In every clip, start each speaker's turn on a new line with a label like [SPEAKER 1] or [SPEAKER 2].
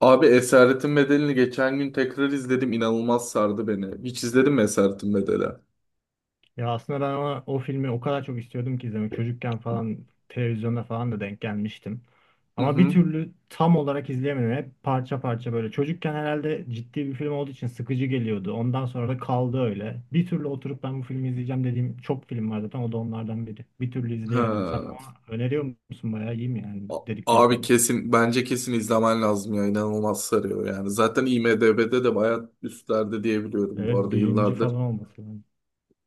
[SPEAKER 1] Abi Esaretin Bedeli'ni geçen gün tekrar izledim. İnanılmaz sardı beni. Hiç izledin mi Esaretin Bedeli?
[SPEAKER 2] Ya aslında ben o filmi o kadar çok istiyordum ki izlemek. Çocukken falan televizyonda falan da denk gelmiştim.
[SPEAKER 1] Hı
[SPEAKER 2] Ama bir
[SPEAKER 1] hı.
[SPEAKER 2] türlü tam olarak izleyemedim. Hep parça parça böyle. Çocukken herhalde ciddi bir film olduğu için sıkıcı geliyordu. Ondan sonra da kaldı öyle. Bir türlü oturup ben bu filmi izleyeceğim dediğim çok film var zaten. O da onlardan biri. Bir türlü izleyemedim. Sen
[SPEAKER 1] Ha.
[SPEAKER 2] ama öneriyor musun? Bayağı iyi mi yani
[SPEAKER 1] A-
[SPEAKER 2] dedikleri
[SPEAKER 1] Abi
[SPEAKER 2] kadar?
[SPEAKER 1] kesin bence kesin izlemen lazım ya. İnanılmaz sarıyor yani. Zaten IMDb'de de bayağı üstlerde diyebiliyorum bu
[SPEAKER 2] Evet
[SPEAKER 1] arada
[SPEAKER 2] birinci
[SPEAKER 1] yıllardır.
[SPEAKER 2] falan olması lazım.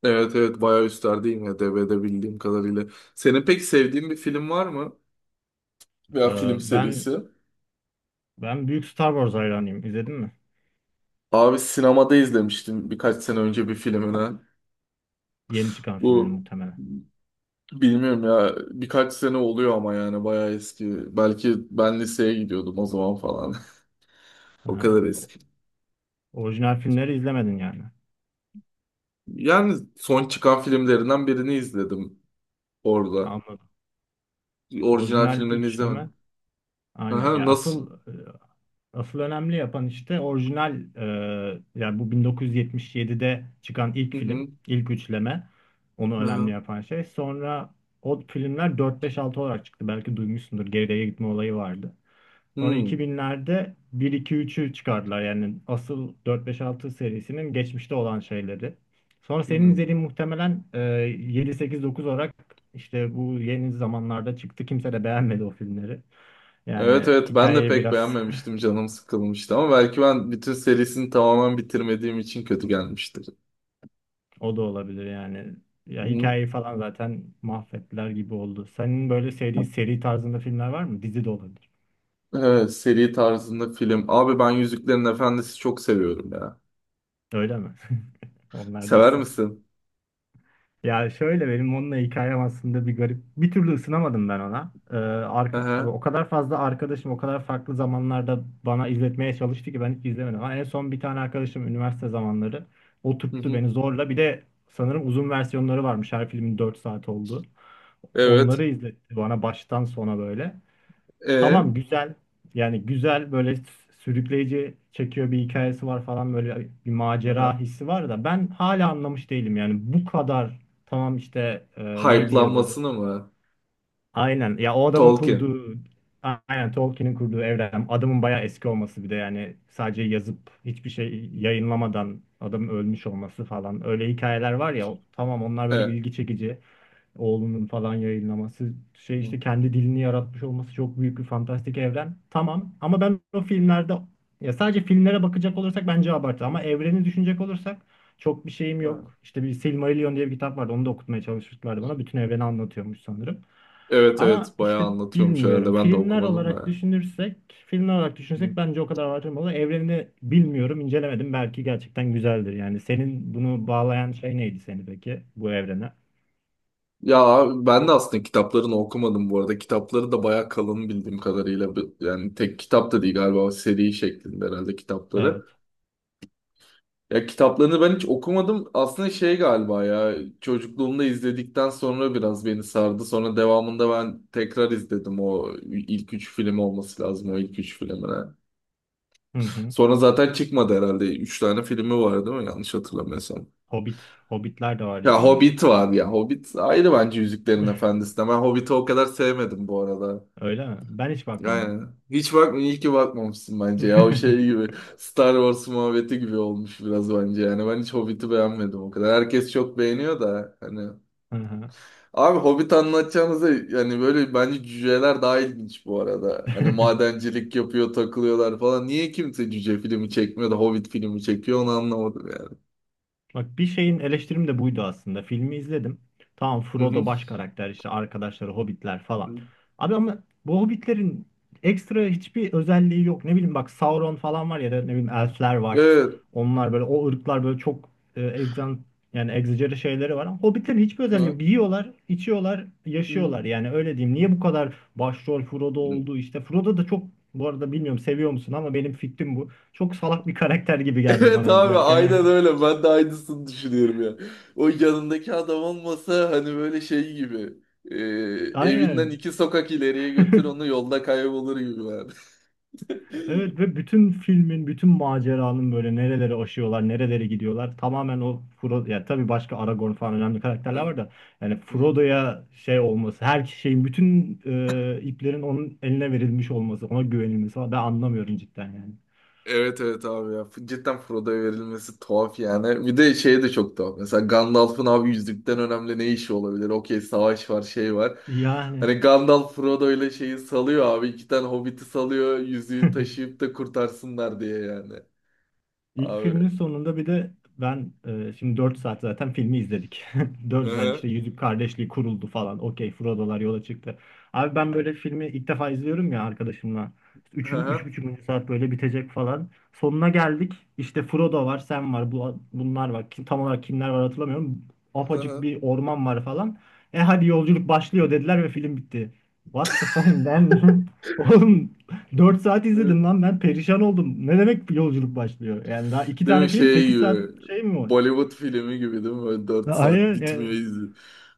[SPEAKER 1] Evet evet bayağı üstlerde IMDb'de bildiğim kadarıyla. Senin pek sevdiğin bir film var mı? Veya
[SPEAKER 2] Ee,
[SPEAKER 1] film
[SPEAKER 2] ben
[SPEAKER 1] serisi?
[SPEAKER 2] ben büyük Star Wars hayranıyım. İzledin mi?
[SPEAKER 1] Abi sinemada izlemiştim birkaç sene önce bir filmini.
[SPEAKER 2] Yeni çıkan filmini
[SPEAKER 1] Bu
[SPEAKER 2] muhtemelen.
[SPEAKER 1] Bilmiyorum ya, birkaç sene oluyor ama yani bayağı eski. Belki ben liseye gidiyordum o zaman falan. O kadar eski.
[SPEAKER 2] Orijinal filmleri izlemedin yani.
[SPEAKER 1] Yani son çıkan filmlerinden birini izledim orada.
[SPEAKER 2] Anladım.
[SPEAKER 1] Orijinal
[SPEAKER 2] Orijinal
[SPEAKER 1] filmlerini
[SPEAKER 2] üçleme.
[SPEAKER 1] izlemedim.
[SPEAKER 2] Aynen.
[SPEAKER 1] Aha,
[SPEAKER 2] Ya
[SPEAKER 1] nasıl?
[SPEAKER 2] asıl önemli yapan işte orijinal yani bu 1977'de çıkan ilk
[SPEAKER 1] Hı
[SPEAKER 2] film,
[SPEAKER 1] hı.
[SPEAKER 2] ilk üçleme. Onu önemli
[SPEAKER 1] Aha.
[SPEAKER 2] yapan şey. Sonra o filmler 4 5 6 olarak çıktı. Belki duymuşsundur. Geriye gitme olayı vardı. Sonra
[SPEAKER 1] Hı
[SPEAKER 2] 2000'lerde bir iki üçü çıkardılar. Yani asıl dört beş altı serisinin geçmişte olan şeyleri. Sonra senin
[SPEAKER 1] hı.
[SPEAKER 2] izlediğin muhtemelen yedi sekiz dokuz olarak işte bu yeni zamanlarda çıktı. Kimse de beğenmedi o filmleri.
[SPEAKER 1] Evet
[SPEAKER 2] Yani
[SPEAKER 1] evet ben de
[SPEAKER 2] hikayeyi
[SPEAKER 1] pek
[SPEAKER 2] biraz
[SPEAKER 1] beğenmemiştim, canım sıkılmıştı, ama belki ben bütün serisini tamamen bitirmediğim için kötü gelmiştir.
[SPEAKER 2] o da olabilir yani. Ya
[SPEAKER 1] Hı.
[SPEAKER 2] hikayeyi falan zaten mahvettiler gibi oldu. Senin böyle sevdiğin seri tarzında filmler var mı? Dizi de olabilir.
[SPEAKER 1] Evet, seri tarzında film. Abi ben Yüzüklerin Efendisi çok seviyorum ya.
[SPEAKER 2] Öyle mi? Onlardan.
[SPEAKER 1] Sever misin?
[SPEAKER 2] Ya şöyle benim onunla hikayem aslında bir garip. Bir türlü ısınamadım ben ona.
[SPEAKER 1] Hı
[SPEAKER 2] Abi
[SPEAKER 1] hı.
[SPEAKER 2] o kadar fazla arkadaşım o kadar farklı zamanlarda bana izletmeye çalıştı ki ben hiç izlemedim. Ama en son bir tane arkadaşım üniversite zamanları
[SPEAKER 1] Hı
[SPEAKER 2] oturttu
[SPEAKER 1] hı.
[SPEAKER 2] beni zorla. Bir de sanırım uzun versiyonları varmış. Her filmin 4 saat oldu.
[SPEAKER 1] Evet.
[SPEAKER 2] Onları izletti bana baştan sona böyle.
[SPEAKER 1] E,
[SPEAKER 2] Tamam güzel. Yani güzel böyle sürükleyici çekiyor bir hikayesi var falan böyle bir
[SPEAKER 1] aha.
[SPEAKER 2] macera hissi var da ben hala anlamış değilim yani bu kadar tamam işte neydi yazarı?
[SPEAKER 1] Hype'lanmasını mı?
[SPEAKER 2] Aynen ya o adamın
[SPEAKER 1] Tolkien.
[SPEAKER 2] kurduğu aynen Tolkien'in kurduğu evren adamın bayağı eski olması bir de yani sadece yazıp hiçbir şey
[SPEAKER 1] Hı
[SPEAKER 2] yayınlamadan adamın ölmüş olması falan öyle hikayeler var ya tamam onlar
[SPEAKER 1] hı.
[SPEAKER 2] böyle
[SPEAKER 1] E.
[SPEAKER 2] ilgi çekici oğlunun falan yayınlaması şey
[SPEAKER 1] Hı.
[SPEAKER 2] işte kendi dilini yaratmış olması çok büyük bir fantastik evren. Tamam ama ben o filmlerde ya sadece filmlere bakacak olursak bence abartı ama evreni düşünecek olursak çok bir şeyim
[SPEAKER 1] Ha.
[SPEAKER 2] yok. İşte bir Silmarillion diye bir kitap vardı. Onu da okutmaya çalışmışlardı bana. Bütün evreni anlatıyormuş sanırım.
[SPEAKER 1] Evet evet
[SPEAKER 2] Ama
[SPEAKER 1] bayağı
[SPEAKER 2] işte
[SPEAKER 1] anlatıyormuş herhalde,
[SPEAKER 2] bilmiyorum.
[SPEAKER 1] ben de
[SPEAKER 2] Filmler
[SPEAKER 1] okumadım
[SPEAKER 2] olarak
[SPEAKER 1] da.
[SPEAKER 2] düşünürsek, filmler olarak
[SPEAKER 1] Hı.
[SPEAKER 2] düşünürsek bence o kadar abartılmalı. Evrenini bilmiyorum, incelemedim. Belki gerçekten güzeldir. Yani senin bunu bağlayan şey neydi seni peki bu evrene?
[SPEAKER 1] Ya ben de aslında kitaplarını okumadım bu arada. Kitapları da bayağı kalın bildiğim kadarıyla. Yani tek kitap da değil galiba, seri şeklinde herhalde
[SPEAKER 2] Evet.
[SPEAKER 1] kitapları. Ya kitaplarını ben hiç okumadım. Aslında şey galiba ya, çocukluğumda izledikten sonra biraz beni sardı. Sonra devamında ben tekrar izledim, o ilk üç film olması lazım, o ilk üç filmine.
[SPEAKER 2] Hı hı.
[SPEAKER 1] Sonra zaten çıkmadı herhalde. Üç tane filmi var değil mi? Yanlış hatırlamıyorsam.
[SPEAKER 2] Hobbit, Hobbitler de var diye
[SPEAKER 1] Ya
[SPEAKER 2] biliyorum.
[SPEAKER 1] Hobbit var ya. Hobbit ayrı bence Yüzüklerin Efendisi'ne. Ben Hobbit'i o kadar sevmedim bu arada.
[SPEAKER 2] Öyle mi? Ben hiç bakmadım.
[SPEAKER 1] Aynen. Hiç bakma, iyi ki bakmamışsın bence ya. O şey gibi Star Wars muhabbeti gibi olmuş biraz bence yani. Ben hiç Hobbit'i beğenmedim o kadar. Herkes çok beğeniyor da hani.
[SPEAKER 2] Hı hı.
[SPEAKER 1] Abi Hobbit anlatacağınıza yani böyle bence cüceler daha ilginç bu arada. Hani madencilik yapıyor, takılıyorlar falan. Niye kimse cüce filmi çekmiyor da Hobbit filmi çekiyor onu anlamadım yani.
[SPEAKER 2] Bak bir şeyin eleştirim de buydu aslında. Filmi izledim. Tamam
[SPEAKER 1] Hı hı.
[SPEAKER 2] Frodo baş karakter işte arkadaşları hobbitler falan.
[SPEAKER 1] Hı.
[SPEAKER 2] Abi ama bu hobbitlerin ekstra hiçbir özelliği yok. Ne bileyim bak Sauron falan var ya da ne bileyim elfler var.
[SPEAKER 1] Evet.
[SPEAKER 2] Onlar böyle o ırklar böyle çok e, egzan yani egzajeri şeyleri var ama hobbitlerin hiçbir özelliği
[SPEAKER 1] Ha.
[SPEAKER 2] yok. Yiyorlar, içiyorlar, yaşıyorlar. Yani öyle diyeyim. Niye bu kadar başrol Frodo
[SPEAKER 1] Hı.
[SPEAKER 2] oldu işte. Frodo da çok bu arada bilmiyorum seviyor musun ama benim fikrim bu. Çok salak bir karakter gibi geldi
[SPEAKER 1] Evet
[SPEAKER 2] bana
[SPEAKER 1] abi
[SPEAKER 2] izlerken yani.
[SPEAKER 1] aynen öyle. Ben de aynısını düşünüyorum ya. O yanındaki adam olmasa hani böyle şey gibi. e, Evinden
[SPEAKER 2] Aynen.
[SPEAKER 1] iki sokak ileriye götür onu, yolda kaybolur gibi yani.
[SPEAKER 2] Evet ve bütün filmin, bütün maceranın böyle nerelere aşıyorlar, nerelere gidiyorlar. Tamamen o Frodo, ya tabii başka Aragorn falan önemli karakterler
[SPEAKER 1] Evet.
[SPEAKER 2] var da yani
[SPEAKER 1] Hı.
[SPEAKER 2] Frodo'ya şey olması, her şeyin, bütün iplerin onun eline verilmiş olması, ona güvenilmesi falan ben anlamıyorum cidden yani.
[SPEAKER 1] Evet evet abi ya. Cidden Frodo'ya verilmesi tuhaf yani. Bir de şey de çok tuhaf. Mesela Gandalf'ın abi yüzükten önemli ne işi olabilir? Okey, savaş var, şey var. Hani
[SPEAKER 2] Yani
[SPEAKER 1] Gandalf Frodo ile şeyi salıyor abi. İki tane hobbiti salıyor. Yüzüğü taşıyıp da kurtarsınlar diye yani.
[SPEAKER 2] İlk
[SPEAKER 1] Abi.
[SPEAKER 2] filmin sonunda bir de ben şimdi 4 saat zaten filmi izledik.
[SPEAKER 1] Hı
[SPEAKER 2] 4 saat işte
[SPEAKER 1] hı.
[SPEAKER 2] Yüzük Kardeşliği kuruldu falan. Okey Frodo'lar yola çıktı. Abi ben böyle filmi ilk defa izliyorum ya arkadaşımla.
[SPEAKER 1] Hı
[SPEAKER 2] 3.
[SPEAKER 1] hı.
[SPEAKER 2] 3,5. Saat böyle bitecek falan. Sonuna geldik. İşte Frodo var, Sam var, bu, bunlar var. Kim, tam olarak kimler var hatırlamıyorum.
[SPEAKER 1] Hı
[SPEAKER 2] Apacık
[SPEAKER 1] hı.
[SPEAKER 2] bir orman var falan. E hadi yolculuk başlıyor dediler ve film bitti. What the fuck man? Oğlum 4 saat izledim
[SPEAKER 1] Hı.
[SPEAKER 2] lan ben perişan oldum. Ne demek yolculuk başlıyor? Yani daha iki
[SPEAKER 1] Değil mi
[SPEAKER 2] tane film
[SPEAKER 1] şey
[SPEAKER 2] 8 saat
[SPEAKER 1] gibi,
[SPEAKER 2] şey mi var?
[SPEAKER 1] Bollywood filmi gibi değil mi? Böyle 4
[SPEAKER 2] Ya
[SPEAKER 1] saat
[SPEAKER 2] hayır
[SPEAKER 1] bitmiyor
[SPEAKER 2] yani,
[SPEAKER 1] izi.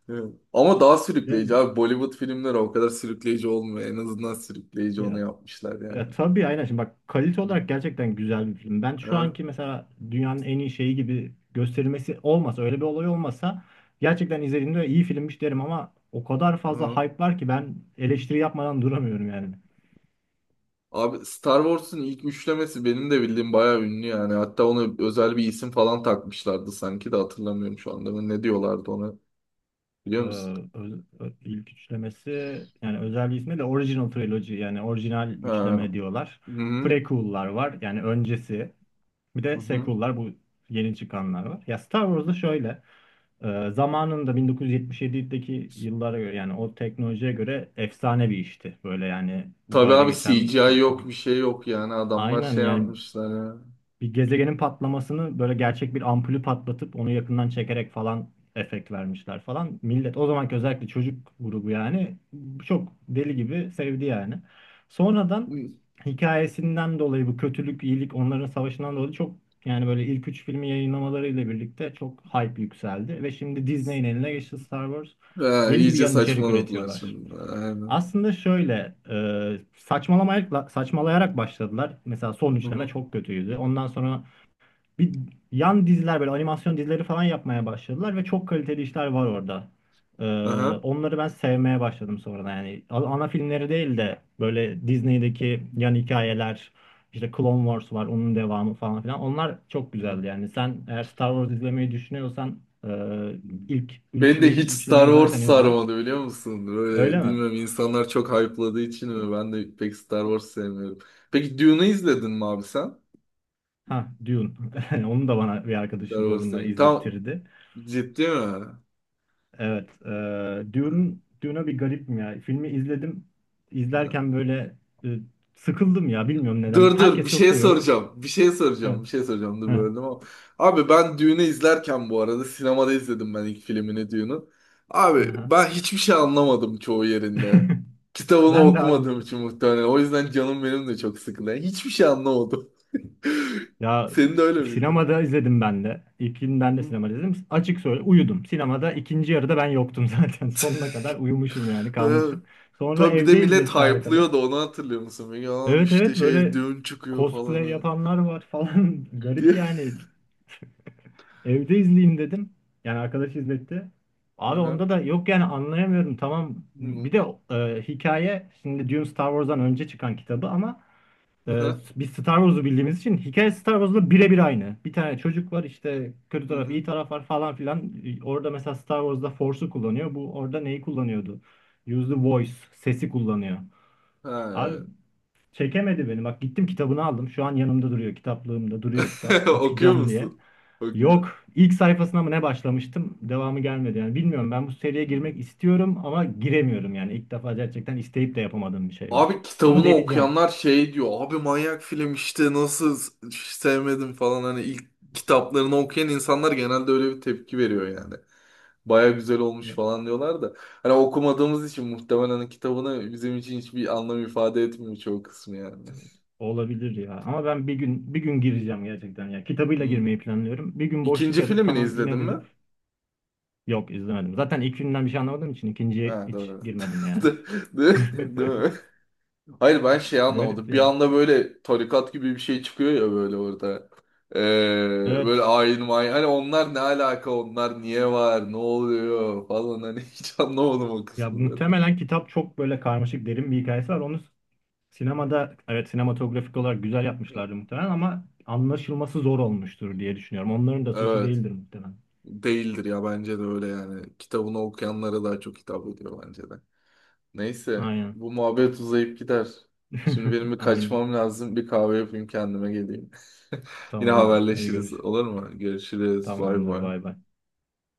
[SPEAKER 1] Hı. Ama daha sürükleyici
[SPEAKER 2] yani-
[SPEAKER 1] abi. Bollywood filmleri o kadar sürükleyici olmuyor. En azından sürükleyici onu
[SPEAKER 2] ya,
[SPEAKER 1] yapmışlar yani.
[SPEAKER 2] ya tabii aynen şimdi bak kalite
[SPEAKER 1] Hı.
[SPEAKER 2] olarak gerçekten güzel bir film. Ben şu
[SPEAKER 1] Hı.
[SPEAKER 2] anki mesela dünyanın en iyi şeyi gibi gösterilmesi olmasa öyle bir olay olmasa gerçekten izlediğimde iyi filmmiş derim ama o kadar fazla
[SPEAKER 1] Hı.
[SPEAKER 2] hype var ki ben eleştiri yapmadan duramıyorum yani.
[SPEAKER 1] Abi Star Wars'un ilk üçlemesi benim de bildiğim bayağı ünlü yani. Hatta ona özel bir isim falan takmışlardı sanki de hatırlamıyorum şu anda. Ne diyorlardı ona
[SPEAKER 2] Ee,
[SPEAKER 1] biliyor musun?
[SPEAKER 2] ilk üçlemesi yani özel bir ismi de Original Trilogy yani orijinal
[SPEAKER 1] Ha.
[SPEAKER 2] üçleme diyorlar.
[SPEAKER 1] Hı hı.
[SPEAKER 2] Prequel'lar var yani öncesi. Bir
[SPEAKER 1] Hı
[SPEAKER 2] de
[SPEAKER 1] hı.
[SPEAKER 2] sequel'lar bu yeni çıkanlar var. Ya Star Wars'da şöyle zamanında 1977'deki yıllara göre yani o teknolojiye göre efsane bir işti. Böyle yani
[SPEAKER 1] Tabii
[SPEAKER 2] uzayda
[SPEAKER 1] abi
[SPEAKER 2] geçen bir
[SPEAKER 1] CGI yok, bir
[SPEAKER 2] film.
[SPEAKER 1] şey yok, yani adamlar
[SPEAKER 2] Aynen
[SPEAKER 1] şey
[SPEAKER 2] yani
[SPEAKER 1] yapmışlar ya.
[SPEAKER 2] bir gezegenin patlamasını böyle gerçek bir ampulü patlatıp onu yakından çekerek falan efekt vermişler falan. Millet o zamanki özellikle çocuk grubu yani çok deli gibi sevdi yani. Sonradan hikayesinden dolayı bu kötülük, iyilik onların savaşından dolayı çok yani böyle ilk üç filmi yayınlamalarıyla birlikte çok hype yükseldi ve şimdi Disney'in eline geçti Star Wars.
[SPEAKER 1] Ha,
[SPEAKER 2] Deli gibi
[SPEAKER 1] iyice
[SPEAKER 2] yan içerik
[SPEAKER 1] saçmaladılar
[SPEAKER 2] üretiyorlar.
[SPEAKER 1] şimdi. Aynen.
[SPEAKER 2] Aslında şöyle saçmalayarak başladılar. Mesela son
[SPEAKER 1] Hı
[SPEAKER 2] üçleme
[SPEAKER 1] hı.
[SPEAKER 2] çok kötüydü. Ondan sonra bir yan diziler böyle animasyon dizileri falan yapmaya başladılar ve çok kaliteli işler var orada. E,
[SPEAKER 1] Aha.
[SPEAKER 2] Onları ben sevmeye başladım sonradan. Yani ana filmleri değil de böyle Disney'deki yan hikayeler, işte Clone Wars var, onun devamı falan filan. Onlar çok güzeldi yani. Sen eğer Star Wars izlemeyi düşünüyorsan e, ilk
[SPEAKER 1] Beni de hiç Star
[SPEAKER 2] üçlemeyi
[SPEAKER 1] Wars
[SPEAKER 2] zaten izle.
[SPEAKER 1] sarmadı biliyor musun? Böyle
[SPEAKER 2] Öyle mi?
[SPEAKER 1] bilmiyorum, insanlar çok hype'ladığı için mi? Ben de pek Star Wars sevmiyorum. Peki Dune'u izledin mi abi sen?
[SPEAKER 2] Ha, Dune. Onu da bana bir
[SPEAKER 1] Star
[SPEAKER 2] arkadaşın
[SPEAKER 1] Wars
[SPEAKER 2] zorunla
[SPEAKER 1] sevmiyorum. Tam
[SPEAKER 2] izlettirdi.
[SPEAKER 1] ciddi mi?
[SPEAKER 2] Evet, Dune, Dune'a bir garipim ya. Filmi izledim.
[SPEAKER 1] Ha.
[SPEAKER 2] İzlerken böyle e, sıkıldım ya. Bilmiyorum neden.
[SPEAKER 1] Dur dur, bir
[SPEAKER 2] Herkes çok
[SPEAKER 1] şey
[SPEAKER 2] seviyor.
[SPEAKER 1] soracağım. Bir şey
[SPEAKER 2] Ha,
[SPEAKER 1] soracağım. Bir şey soracağım. Dur,
[SPEAKER 2] ha,
[SPEAKER 1] böldüm ama. Abi ben Düğün'ü izlerken bu arada, sinemada izledim ben ilk filmini Düğün'ün. Abi
[SPEAKER 2] aha.
[SPEAKER 1] ben hiçbir şey anlamadım çoğu yerinde. Kitabını
[SPEAKER 2] Ben de abi
[SPEAKER 1] okumadığım
[SPEAKER 2] işte.
[SPEAKER 1] için muhtemelen. O yüzden canım benim de çok sıkıldı. Yani hiçbir şey anlamadım.
[SPEAKER 2] Ya
[SPEAKER 1] Senin de öyle miydi?
[SPEAKER 2] sinemada izledim ben de.
[SPEAKER 1] Hı
[SPEAKER 2] İlkinden de
[SPEAKER 1] hı.
[SPEAKER 2] sinemada izledim. Açık söyle uyudum. Sinemada ikinci yarıda ben yoktum zaten. Sonuna kadar uyumuşum yani
[SPEAKER 1] Evet.
[SPEAKER 2] kalmışım. Sonra
[SPEAKER 1] Tabii bir de
[SPEAKER 2] evde
[SPEAKER 1] millet
[SPEAKER 2] izletti arkadaş.
[SPEAKER 1] hype'lıyordu onu, hatırlıyor musun? Yalan
[SPEAKER 2] Evet
[SPEAKER 1] işte,
[SPEAKER 2] evet
[SPEAKER 1] şey
[SPEAKER 2] böyle
[SPEAKER 1] düğün çıkıyor falan
[SPEAKER 2] cosplay
[SPEAKER 1] hani.
[SPEAKER 2] yapanlar var falan. Garip
[SPEAKER 1] Diye.
[SPEAKER 2] yani. Evde izleyeyim dedim. Yani arkadaş izletti. Abi
[SPEAKER 1] Aha.
[SPEAKER 2] onda da yok yani anlayamıyorum. Tamam
[SPEAKER 1] Hı
[SPEAKER 2] bir
[SPEAKER 1] hı.
[SPEAKER 2] de hikaye şimdi Dune Star Wars'dan önce çıkan kitabı ama e,
[SPEAKER 1] Aha.
[SPEAKER 2] biz Star Wars'u bildiğimiz için hikaye Star Wars'la birebir aynı. Bir tane çocuk var işte kötü
[SPEAKER 1] Hı
[SPEAKER 2] taraf
[SPEAKER 1] hı.
[SPEAKER 2] iyi taraf var falan filan. E, orada mesela Star Wars'da Force'u kullanıyor. Bu orada neyi kullanıyordu? Use the voice sesi kullanıyor.
[SPEAKER 1] Ha,
[SPEAKER 2] Abi
[SPEAKER 1] evet.
[SPEAKER 2] çekemedi beni. Bak gittim kitabını aldım. Şu an yanımda duruyor. Kitaplığımda duruyor kitap.
[SPEAKER 1] Okuyor
[SPEAKER 2] Okuyacağım diye.
[SPEAKER 1] musun? Okuyor.
[SPEAKER 2] Yok. İlk sayfasına mı ne başlamıştım? Devamı gelmedi. Yani bilmiyorum. Ben bu seriye girmek
[SPEAKER 1] Hmm.
[SPEAKER 2] istiyorum ama giremiyorum. Yani İlk defa gerçekten isteyip de yapamadığım bir şey var.
[SPEAKER 1] Abi
[SPEAKER 2] Ama
[SPEAKER 1] kitabını
[SPEAKER 2] deneyeceğim.
[SPEAKER 1] okuyanlar şey diyor. Abi manyak film işte, nasıl sevmedim falan, hani ilk kitaplarını okuyan insanlar genelde öyle bir tepki veriyor yani. Baya güzel olmuş
[SPEAKER 2] Ya,
[SPEAKER 1] falan diyorlar da. Hani okumadığımız için muhtemelen, hani kitabını bizim için hiçbir anlam ifade etmiyor çoğu kısmı yani.
[SPEAKER 2] olabilir ya. Ama ben bir gün bir gün gireceğim gerçekten ya. Kitabıyla
[SPEAKER 1] Hmm.
[SPEAKER 2] girmeyi planlıyorum. Bir gün boşluk
[SPEAKER 1] İkinci
[SPEAKER 2] arayıp
[SPEAKER 1] filmini
[SPEAKER 2] tamam
[SPEAKER 1] izledin
[SPEAKER 2] yine
[SPEAKER 1] mi?
[SPEAKER 2] dedim. Yok izlemedim. Zaten ilk günden bir şey anlamadığım için ikinciye
[SPEAKER 1] Ha
[SPEAKER 2] hiç
[SPEAKER 1] doğru.
[SPEAKER 2] girmedim yani.
[SPEAKER 1] Değil, değil değil mi? Hayır ben şey
[SPEAKER 2] Garip
[SPEAKER 1] anlamadım. Bir
[SPEAKER 2] yani.
[SPEAKER 1] anda böyle tarikat gibi bir şey çıkıyor ya böyle orada. Ee,
[SPEAKER 2] Evet.
[SPEAKER 1] Böyle ayin mayin. Hani onlar ne alaka? Onlar niye var? Ne oluyor? Falan hani hiç anlamadım o
[SPEAKER 2] Ya
[SPEAKER 1] kısmı zaten.
[SPEAKER 2] muhtemelen kitap çok böyle karmaşık derin bir hikayesi var. Onu sinemada evet sinematografik olarak güzel yapmışlardı muhtemelen ama anlaşılması zor olmuştur diye düşünüyorum. Onların da suçu
[SPEAKER 1] Evet.
[SPEAKER 2] değildir muhtemelen.
[SPEAKER 1] Değildir ya, bence de öyle yani. Kitabını okuyanlara daha çok hitap ediyor bence de. Neyse,
[SPEAKER 2] Aynen.
[SPEAKER 1] bu muhabbet uzayıp gider. Şimdi benim bir
[SPEAKER 2] Aynen.
[SPEAKER 1] kaçmam lazım. Bir kahve yapayım, kendime geleyim. Yine
[SPEAKER 2] Tamamdır. Hadi
[SPEAKER 1] haberleşiriz
[SPEAKER 2] görüş.
[SPEAKER 1] olur mu? Görüşürüz. Bay
[SPEAKER 2] Tamamdır.
[SPEAKER 1] bay.
[SPEAKER 2] Bay bay.